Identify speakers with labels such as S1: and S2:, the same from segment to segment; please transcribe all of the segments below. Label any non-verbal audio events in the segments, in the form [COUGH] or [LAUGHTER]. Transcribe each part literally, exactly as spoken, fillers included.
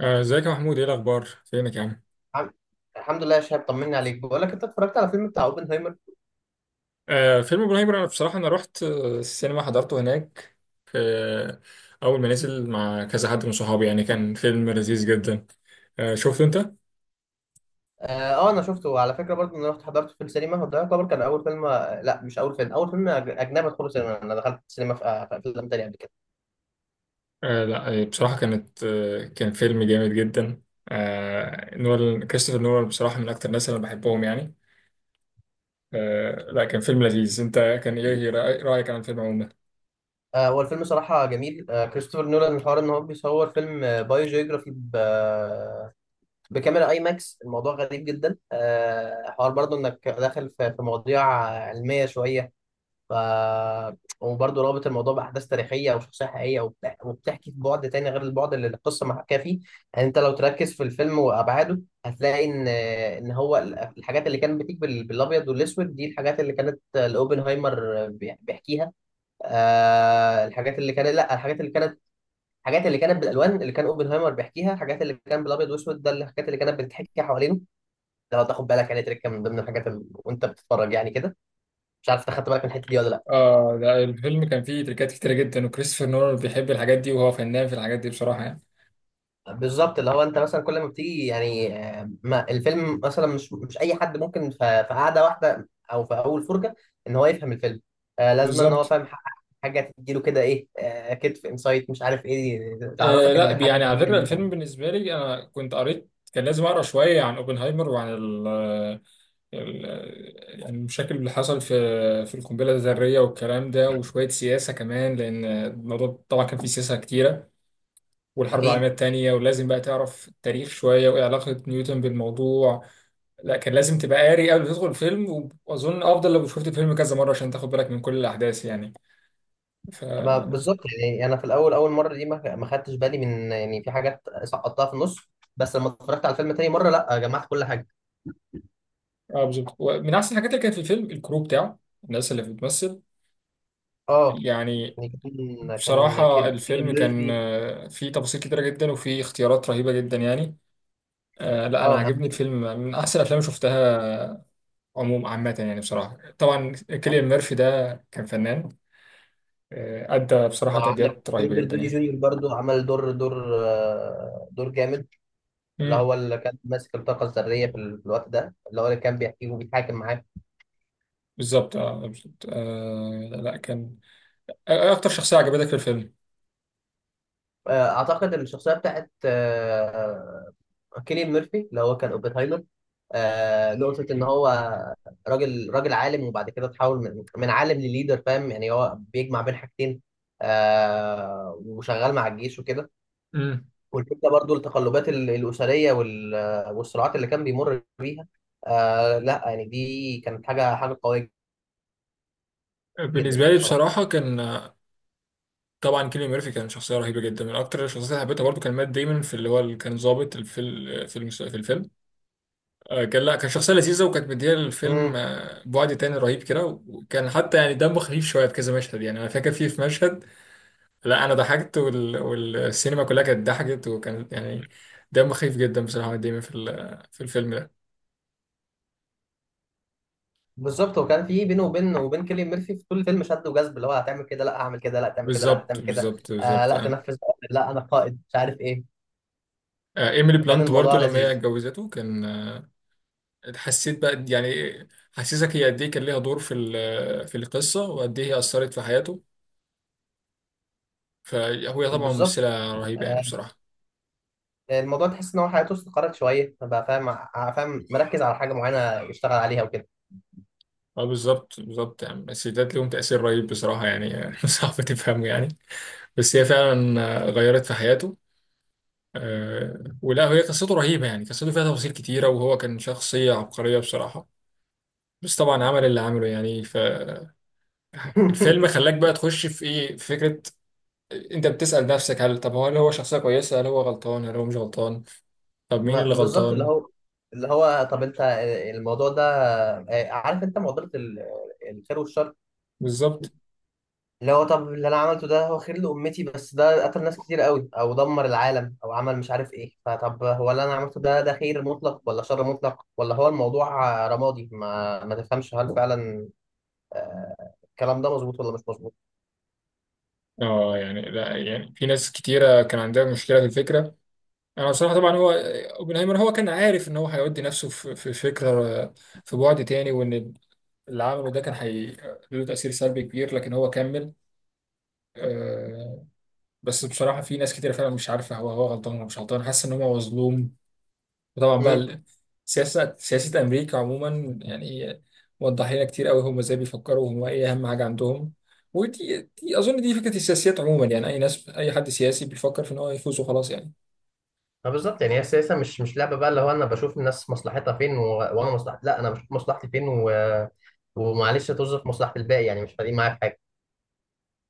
S1: آه، ازيك يا محمود؟ ايه الاخبار؟ فينك يا عم؟
S2: الحمد الحمد لله يا شهاب، طمني عليك. بقول لك، انت اتفرجت على فيلم بتاع اوبنهايمر؟
S1: آه، فيلم ابراهيم الابيض، انا بصراحه انا رحت آه، السينما، حضرته هناك في اول ما نزل مع كذا حد من صحابي، يعني كان فيلم لذيذ جدا. آه، شفته انت؟
S2: اه. آه، انا شفته على فكره، برضه انا رحت حضرته في السينما، وده يعتبر كان اول فيلم، آه، لا، مش اول فيلم، اول فيلم أج- اجنبي ادخله سينما. انا دخلت السينما في آه، في افلام تانية قبل كده.
S1: آه، لا آه، بصراحه كانت آه، كان فيلم جامد جدا. آه، نول كريستوفر نولان بصراحه من اكتر الناس اللي انا بحبهم يعني. آه، لا، كان فيلم لذيذ. انت كان ايه رأي- رايك عن الفيلم عموما؟
S2: آه، هو الفيلم صراحه جميل. آه، كريستوفر نولان، الحوار ان هو بيصور فيلم آه، بايو جيوغرافي، ب- آه، بكاميرا اي ماكس. الموضوع غريب جدا. آه، حوار برضه انك داخل في في مواضيع علميه شويه. ف وبرضه رابط الموضوع باحداث تاريخيه او شخصيه حقيقيه، وبتح- وبتحكي في بعد تاني غير البعد اللي القصه محكاه فيه. يعني انت لو تركز في الفيلم وابعاده هتلاقي ان ان هو ال- الحاجات اللي كانت بتيجي بال- بالابيض والاسود دي الحاجات اللي كانت الاوبنهايمر بيح- بيحكيها. آه، الحاجات اللي كانت لا الحاجات اللي كانت الحاجات اللي كانت بالالوان اللي كان اوبنهايمر بيحكيها، الحاجات اللي كان بالابيض والاسود ده الحاجات اللي كانت بتتحكي حوالينه. لو تاخد بالك يعني، تركه من ضمن الحاجات ال... وانت بتتفرج يعني كده. مش عارف أنت خدت بالك من الحته دي ولا لا؟
S1: اه لا، الفيلم كان فيه تريكات كتيرة جدا، وكريستوفر نولان بيحب الحاجات دي، وهو فنان في الحاجات دي بصراحة يعني.
S2: بالظبط، اللي هو انت مثلا كل ما بتيجي يعني، آه، ما الفيلم مثلا مش مش اي حد ممكن ف- في قعده واحده او في اول فرجه ان هو يفهم الفيلم. آه، لازم ان هو
S1: بالظبط.
S2: فاهم ح- حاجه تديله كده ايه، آه، كتف انسايت مش عارف ايه،
S1: آه
S2: تعرفك
S1: لا،
S2: ان الحاجه
S1: يعني على فكرة
S2: دي.
S1: الفيلم بالنسبة لي، أنا كنت قريت، كان لازم أقرأ شوية عن أوبنهايمر وعن ال آه، ال آه، يعني المشاكل اللي حصل في في القنبلة الذرية والكلام ده، وشوية سياسة كمان، لأن الموضوع طبعا كان فيه سياسة كتيرة، والحرب العالمية
S2: اكيد.
S1: التانية. ولازم بقى تعرف التاريخ شوية، وإيه علاقة نيوتن بالموضوع. لا كان لازم تبقى قاري قبل ما تدخل الفيلم، وأظن أفضل لو شفت الفيلم كذا مرة عشان تاخد بالك من كل الأحداث يعني. ف
S2: ما بالظبط يعني، انا في الاول اول مره دي ما ما خدتش بالي من، يعني في حاجات سقطتها في النص، بس لما اتفرجت على الفيلم تاني مره، لا، جمعت كل حاجه.
S1: آه بالظبط. ومن أحسن الحاجات اللي كانت في الفيلم الكرو بتاعه، الناس اللي بتمثل
S2: اه
S1: يعني.
S2: يعني كان
S1: بصراحة
S2: كان
S1: الفيلم
S2: كيليان
S1: كان
S2: ميرفي.
S1: آه، فيه تفاصيل كتيرة جدا، وفيه اختيارات رهيبة جدا يعني. آه، لا أنا
S2: اه،
S1: عاجبني الفيلم، من أحسن الأفلام اللي شفتها عموما عامة يعني. بصراحة طبعا كيليان ميرفي ده كان فنان، آه، أدى بصراحة
S2: وعندك
S1: تأديات رهيبة
S2: روبرت
S1: جدا
S2: دوني
S1: يعني.
S2: جونيور برضو، عمل دور دور آه، دور جامد، اللي
S1: امم
S2: هو اللي كان ماسك الطاقة الذرية في ال- في الوقت ده، اللي هو اللي كان بيحكيه وبيتحاكم معاه.
S1: بالظبط، اه بالظبط. آه لا كان آه، إيه أكتر شخصية عجبتك في الفيلم؟
S2: آه، أعتقد الشخصية بتاعت آه، كيليان ميرفي، اللي هو كان اوبنهايمر. آه، نقطة إن هو راجل راجل عالم، وبعد كده تحول من من عالم لليدر، فاهم؟ يعني هو بيجمع بين حاجتين. آه، وشغال مع الجيش وكده.
S1: امم
S2: والفكره برضو التقلبات ال- الاسريه وال- والصراعات اللي كان بيمر بيها. آه لا يعني، دي كانت حاجه حاجه قويه جدا
S1: بالنسبة
S2: يعني
S1: لي
S2: صراحه.
S1: بصراحة كان آه، طبعا كيليان ميرفي كان شخصية رهيبة جدا، من أكتر الشخصيات اللي حبيتها. برضه كان مات دايما في اللي هو اللي كان ظابط في ال- في المس- في الفيلم. آه، كان لا كان شخصية لذيذة، وكانت مدية للفيلم
S2: امم.
S1: آه، بعد تاني رهيب كده، وكان حتى يعني دمه خفيف شوية في كذا مشهد. يعني أنا فاكر فيه في مشهد، لا أنا ضحكت وال... والسينما كلها كانت ضحكت، وكان يعني دمه خفيف جدا بصراحة. مات ديمون في ال... في الفيلم ده.
S2: بالظبط. وكان في بينه وبين وبين كيليان ميرفي في طول الفيلم شد وجذب، اللي هو، هتعمل كده، لا هعمل كده، لا تعمل كده، لا
S1: بالظبط
S2: هتعمل كده.
S1: بالظبط
S2: آه
S1: بالظبط
S2: لا
S1: آه.
S2: تنفذ، لا انا قائد مش عارف ايه.
S1: آه، إيميلي
S2: فكان
S1: بلانت برضه
S2: الموضوع
S1: لما هي
S2: لذيذ.
S1: اتجوزته كان آه، حسيت بقى يعني، حسيتك هي قد إيه كان ليها دور في ال... في القصة، وقد إيه هي أثرت في حياته. فهو طبعا
S2: بالظبط.
S1: ممثلة رهيبة يعني
S2: آه،
S1: بصراحة.
S2: الموضوع تحس ان هو حياته استقرت شويه بقى، فاهم ع- فاهم، مركز على حاجه معينه يشتغل عليها وكده.
S1: اه بالظبط بالظبط، يعني السيدات ليهم تأثير رهيب بصراحة يعني. [LAUGHS] صعب تفهمه يعني. بس هي فعلا آه، غيرت في حياته. آه، ولا هي قصته رهيبة، يعني قصته فيها تفاصيل كتيرة، وهو كان شخصية عبقرية بصراحة. بس طبعا عمل اللي عمله يعني، فالفيلم
S2: [LAUGHS]
S1: خلاك بقى تخش في ايه، في فكرة. آه، انت بتسأل نفسك، هل طب هو، هل هو شخصية كويسة، هل هو غلطان، هل هو مش غلطان؟ طب مين
S2: ما
S1: اللي
S2: بالظبط، اللي
S1: غلطان؟
S2: هو اللي هو طب انت الموضوع ده، آه، عارف انت معضله ال- الخير والشر،
S1: بالظبط.
S2: اللي هو طب اللي انا عملته ده هو خير لامتي، بس ده قتل ناس كتير قوي، او دمر العالم، او عمل مش عارف ايه. فطب هو اللي انا عملته ده، ده خير مطلق ولا شر مطلق، ولا هو الموضوع آه، رمادي ما ما تفهمش، هل فعلا آه، الكلام ده مظبوط ولا مش مظبوط؟
S1: اه يعني لا يعني في ناس كتيرة كان عندها مشكلة في الفكرة. انا بصراحه طبعا هو اوبنهايمر هو كان عارف ان هو هيودي نفسه في في فكره، في بعد تاني. وان اللي عمله ده كان هي له تاثير سلبي كبير، لكن هو كمل. آه، بس بصراحه في ناس كتير فعلا مش عارفه هو هو غلطان ولا مش غلطان، حاسس ان هو مظلوم. وطبعا بقى
S2: امم.
S1: ال- سياسه سياسه امريكا عموما يعني، وضح لنا كتير قوي هم ازاي بيفكروا، وهم ايه اهم حاجه عندهم. ودي دي اظن دي فكره السياسيات عموما يعني، اي ناس اي حد سياسي بيفكر في ان هو يفوز وخلاص يعني.
S2: فبالظبط يعني، هي السياسه مش مش لعبه بقى. اللي هو انا بشوف الناس مصلحتها فين و... وانا مصلحتي، لا، انا بشوف مصلحتي فين و... ومعلش توظف مصلحه الباقي، يعني مش فارقين معايا في حاجه.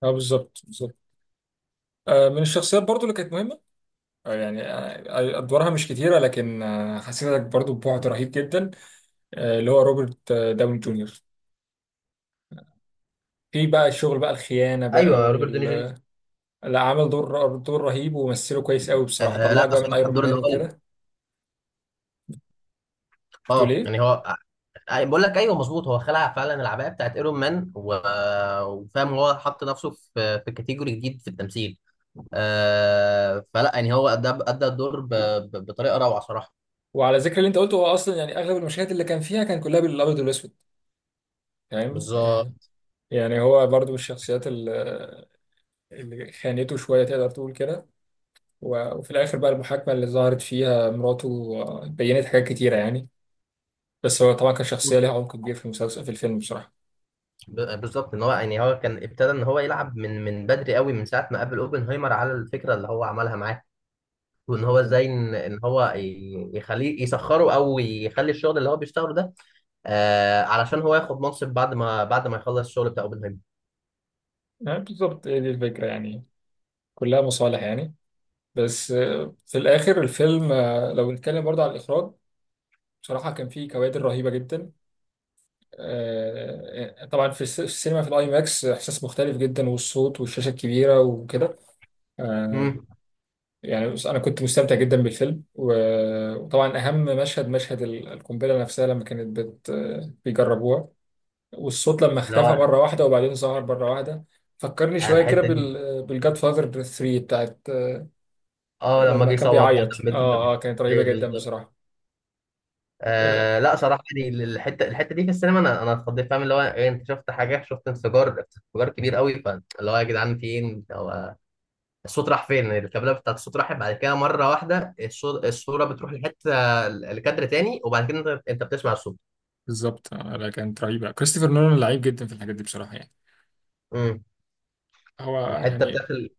S1: اه بالظبط بالظبط. آه، من الشخصيات برضو اللي كانت مهمه، آه، يعني آه، ادوارها مش كتيره، لكن آه، حسيتك برضو ببعد رهيب جدا. آه، اللي هو روبرت آه، داون جونيور، في بقى الشغل بقى الخيانه بقى
S2: ايوه، روبرت
S1: وال.
S2: دوني جونيور.
S1: لا عامل دور دور رهيب، ومثله كويس قوي بصراحه،
S2: آه لا
S1: طلعك بقى من
S2: صراحه
S1: ايرون
S2: الدور اللي
S1: مان
S2: هو،
S1: وكده. بتقول
S2: اه
S1: ايه؟
S2: يعني هو آه، آه، بقول لك ايوه مظبوط، هو خلع فعلا العبايه بتاعت ايرون مان، و... وفاهم، هو حط نفسه في في كاتيجوري جديد في التمثيل. آه فلا يعني هو ادى ادى الدور ب... ب... بطريقه روعه صراحه.
S1: وعلى ذكر اللي انت قلته، هو اصلا يعني اغلب المشاهد اللي كان فيها كان كلها بالابيض والاسود، فاهم؟
S2: بالظبط.
S1: آه، يعني هو برضو من الشخصيات اللي اللي خانته شويه، تقدر تقول كده. و- وفي الاخر بقى المحاكمه اللي ظهرت فيها مراته آه، بينت حاجات كتيره يعني. بس هو طبعا كان شخصية ليها عمق كبير في المسلسل، في الفيلم بصراحة.
S2: ب- بالظبط، ان هو، يعني هو كان ابتدى ان هو يلعب من من بدري قوي، من ساعه ما قابل اوبنهايمر على الفكره اللي هو عملها معاه، وان هو
S1: بالظبط،
S2: ازاي ان إن هو ي- يخليه يسخره، او يخلي الشغل اللي هو بيشتغله ده، آه علشان هو ياخد منصب بعد ما بعد ما يخلص الشغل بتاع اوبنهايمر.
S1: يعني بالظبط هي دي الفكرة يعني، كلها مصالح يعني. بس آه، في الآخر الفيلم، آه، لو نتكلم برضه على الإخراج، بصراحة كان فيه كوادر رهيبة جدا. آه، طبعا في الس- في السينما، في الآي ماكس إحساس مختلف جدا، والصوت والشاشة الكبيرة وكده. آه،
S2: امم.
S1: يعني بص- أنا كنت مستمتع جدا بالفيلم، و- وطبعا أهم مشهد مشهد ال- القنبلة نفسها، لما كانت بت- آه، بيجربوها. والصوت لما
S2: اللي
S1: اختفى
S2: هو
S1: مرة واحدة وبعدين ظهر مرة واحدة، فكرني
S2: على
S1: شوية كده
S2: الحته دي.
S1: بال بالجاد فاذر تلاتة بتاعت
S2: اه، لما
S1: لما
S2: جه
S1: كان
S2: يصوت بعد
S1: بيعيط.
S2: ما بنت ماتت.
S1: اه اه، كانت رهيبة
S2: ايوه
S1: جدا
S2: بالظبط.
S1: بصراحة.
S2: آه لا صراحه يعني، الحته الحته دي في السينما، انا انا اتخضيت، فاهم اللي هو إيه، انت شفت حاجه، شفت انفجار انفجار كبير قوي. فاللي هو، يا جدعان، فين الصوت؟ راح فين؟ الكابلة بتاعت الصوت راحت بعد كده مرة واحدة. الصو- الصورة بتروح لحتة، لكادر تاني، وبعد كده انت انت بتسمع الصوت.
S1: بالظبط. آه، لا كانت رهيبة، كريستوفر نولان لعيب جدا في الحاجات دي بصراحة يعني.
S2: امم.
S1: هو
S2: الحتة
S1: يعني.
S2: بتاعت ال...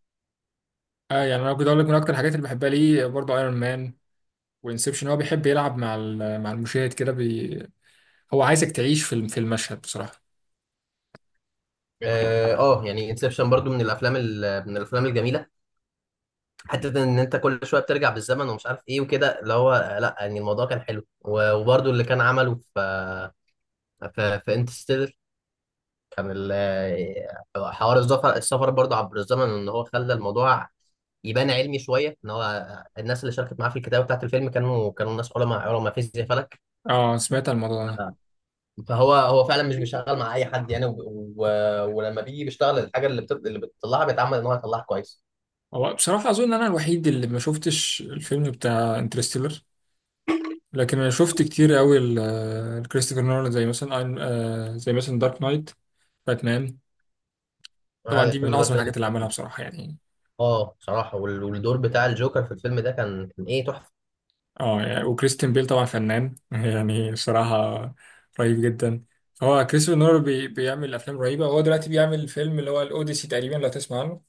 S1: اه يعني انا كنت اقول لك، من اكتر الحاجات اللي بحبها ليه برضه ايرون مان وانسبشن، هو بيحب يلعب مع ال- مع المشاهد كده بي... هو عايزك تعيش في الم- في المشهد بصراحة.
S2: اه، آه، يعني انسبشن برضو من الافلام ال...، من الافلام الجميلة. حتة ان انت كل شوية بترجع بالزمن ومش عارف ايه وكده، اللي هو آه، لا يعني الموضوع كان حلو، و- وبرضو اللي كان عمله في في, في انترستيلر. كان ال- حوار السفر السفر برضه عبر الزمن، ان هو خلى الموضوع يبان علمي شويه، ان هو الناس اللي شاركت معاه في الكتابه بتاعت الفيلم كانوا كانوا ناس علماء علماء فيزياء فلك.
S1: اه سمعت عن الموضوع ده.
S2: فهو هو فعلا مش بيشتغل مع اي حد يعني، و... و... ولما بيجي بيشتغل، الحاجه اللي بت... اللي بتطلعها بيتعمل ان هو يطلعها كويس.
S1: هو بصراحة اظن انا الوحيد اللي ما شفتش الفيلم بتاع انترستيلر، لكن انا شفت كتير قوي الكريستوفر نولان، زي مثلا أين- آه، زي مثلا دارك نايت، باتمان. طبعا
S2: هذا
S1: دي من
S2: الفيلم ده
S1: اعظم
S2: كده،
S1: الحاجات اللي عملها بصراحه يعني.
S2: اه بصراحه. وال- والدور بتاع الجوكر في الفيلم ده كان كان ايه، تحفه.
S1: اه يعني، وكريستيان بيل طبعا فنان [LAUGHS] يعني بصراحه، رهيب جدا. فهو كريستوفر نولان بي بيعمل افلام رهيبه. هو دلوقتي بيعمل فيلم اللي هو الاوديسي تقريبا، لو تسمع عنه.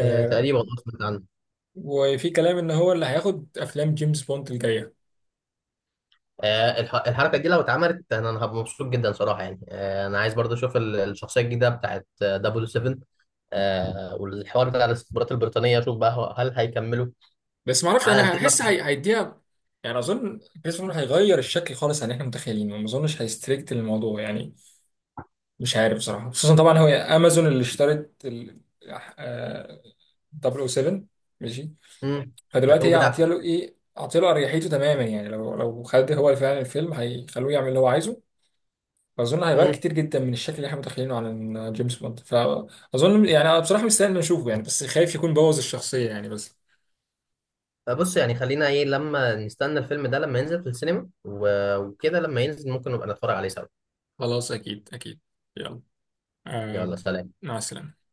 S2: آه تقريبا أصلاً.
S1: وفي كلام ان هو اللي هياخد افلام جيمس بوند الجايه.
S2: آه، الح- الحركه دي لو اتعملت، انا أنا هبقى مبسوط جدا صراحه يعني. آه، انا عايز برضه اشوف ال- الشخصيه الجديده بتاعت دبليو سبعة. آه، والحوار بتاع الاستخبارات البريطانيه، اشوف بقى، هو- هل هيكملوا
S1: بس ما اعرفش
S2: على
S1: انا
S2: التيمة.
S1: هحس هي- هيديها. يعني اظن كريستوفر نولان هيغير الشكل خالص عن اللي احنا متخيلينه، ما اظنش هيستريكت الموضوع يعني. مش عارف بصراحة، خصوصا طبعا هو امازون اللي اشترت ال آه، صفر صفر سبعة. ماشي.
S2: امم.
S1: فدلوقتي
S2: الحقوق
S1: هي عاطيه
S2: بتاعته.
S1: له ايه، عاطيه له اريحيته تماما يعني. لو لو خد هو فعلا الفيلم، هيخلوه يعمل اللي هو عايزه. فاظن هيغير
S2: امم.
S1: كتير جدا من الشكل اللي احنا متخيلينه عن جيمس بوند. فاظن يعني انا بصراحة مستني إني اشوفه يعني، بس خايف يكون بوظ الشخصية يعني. بس
S2: فبص يعني، خلينا ايه، لما نستنى الفيلم ده لما ينزل في السينما، و- وكده لما ينزل ممكن نبقى نتفرج عليه سوا.
S1: خلاص، اكيد اكيد. يلا آه.
S2: يلا، سلام.
S1: مع السلامة.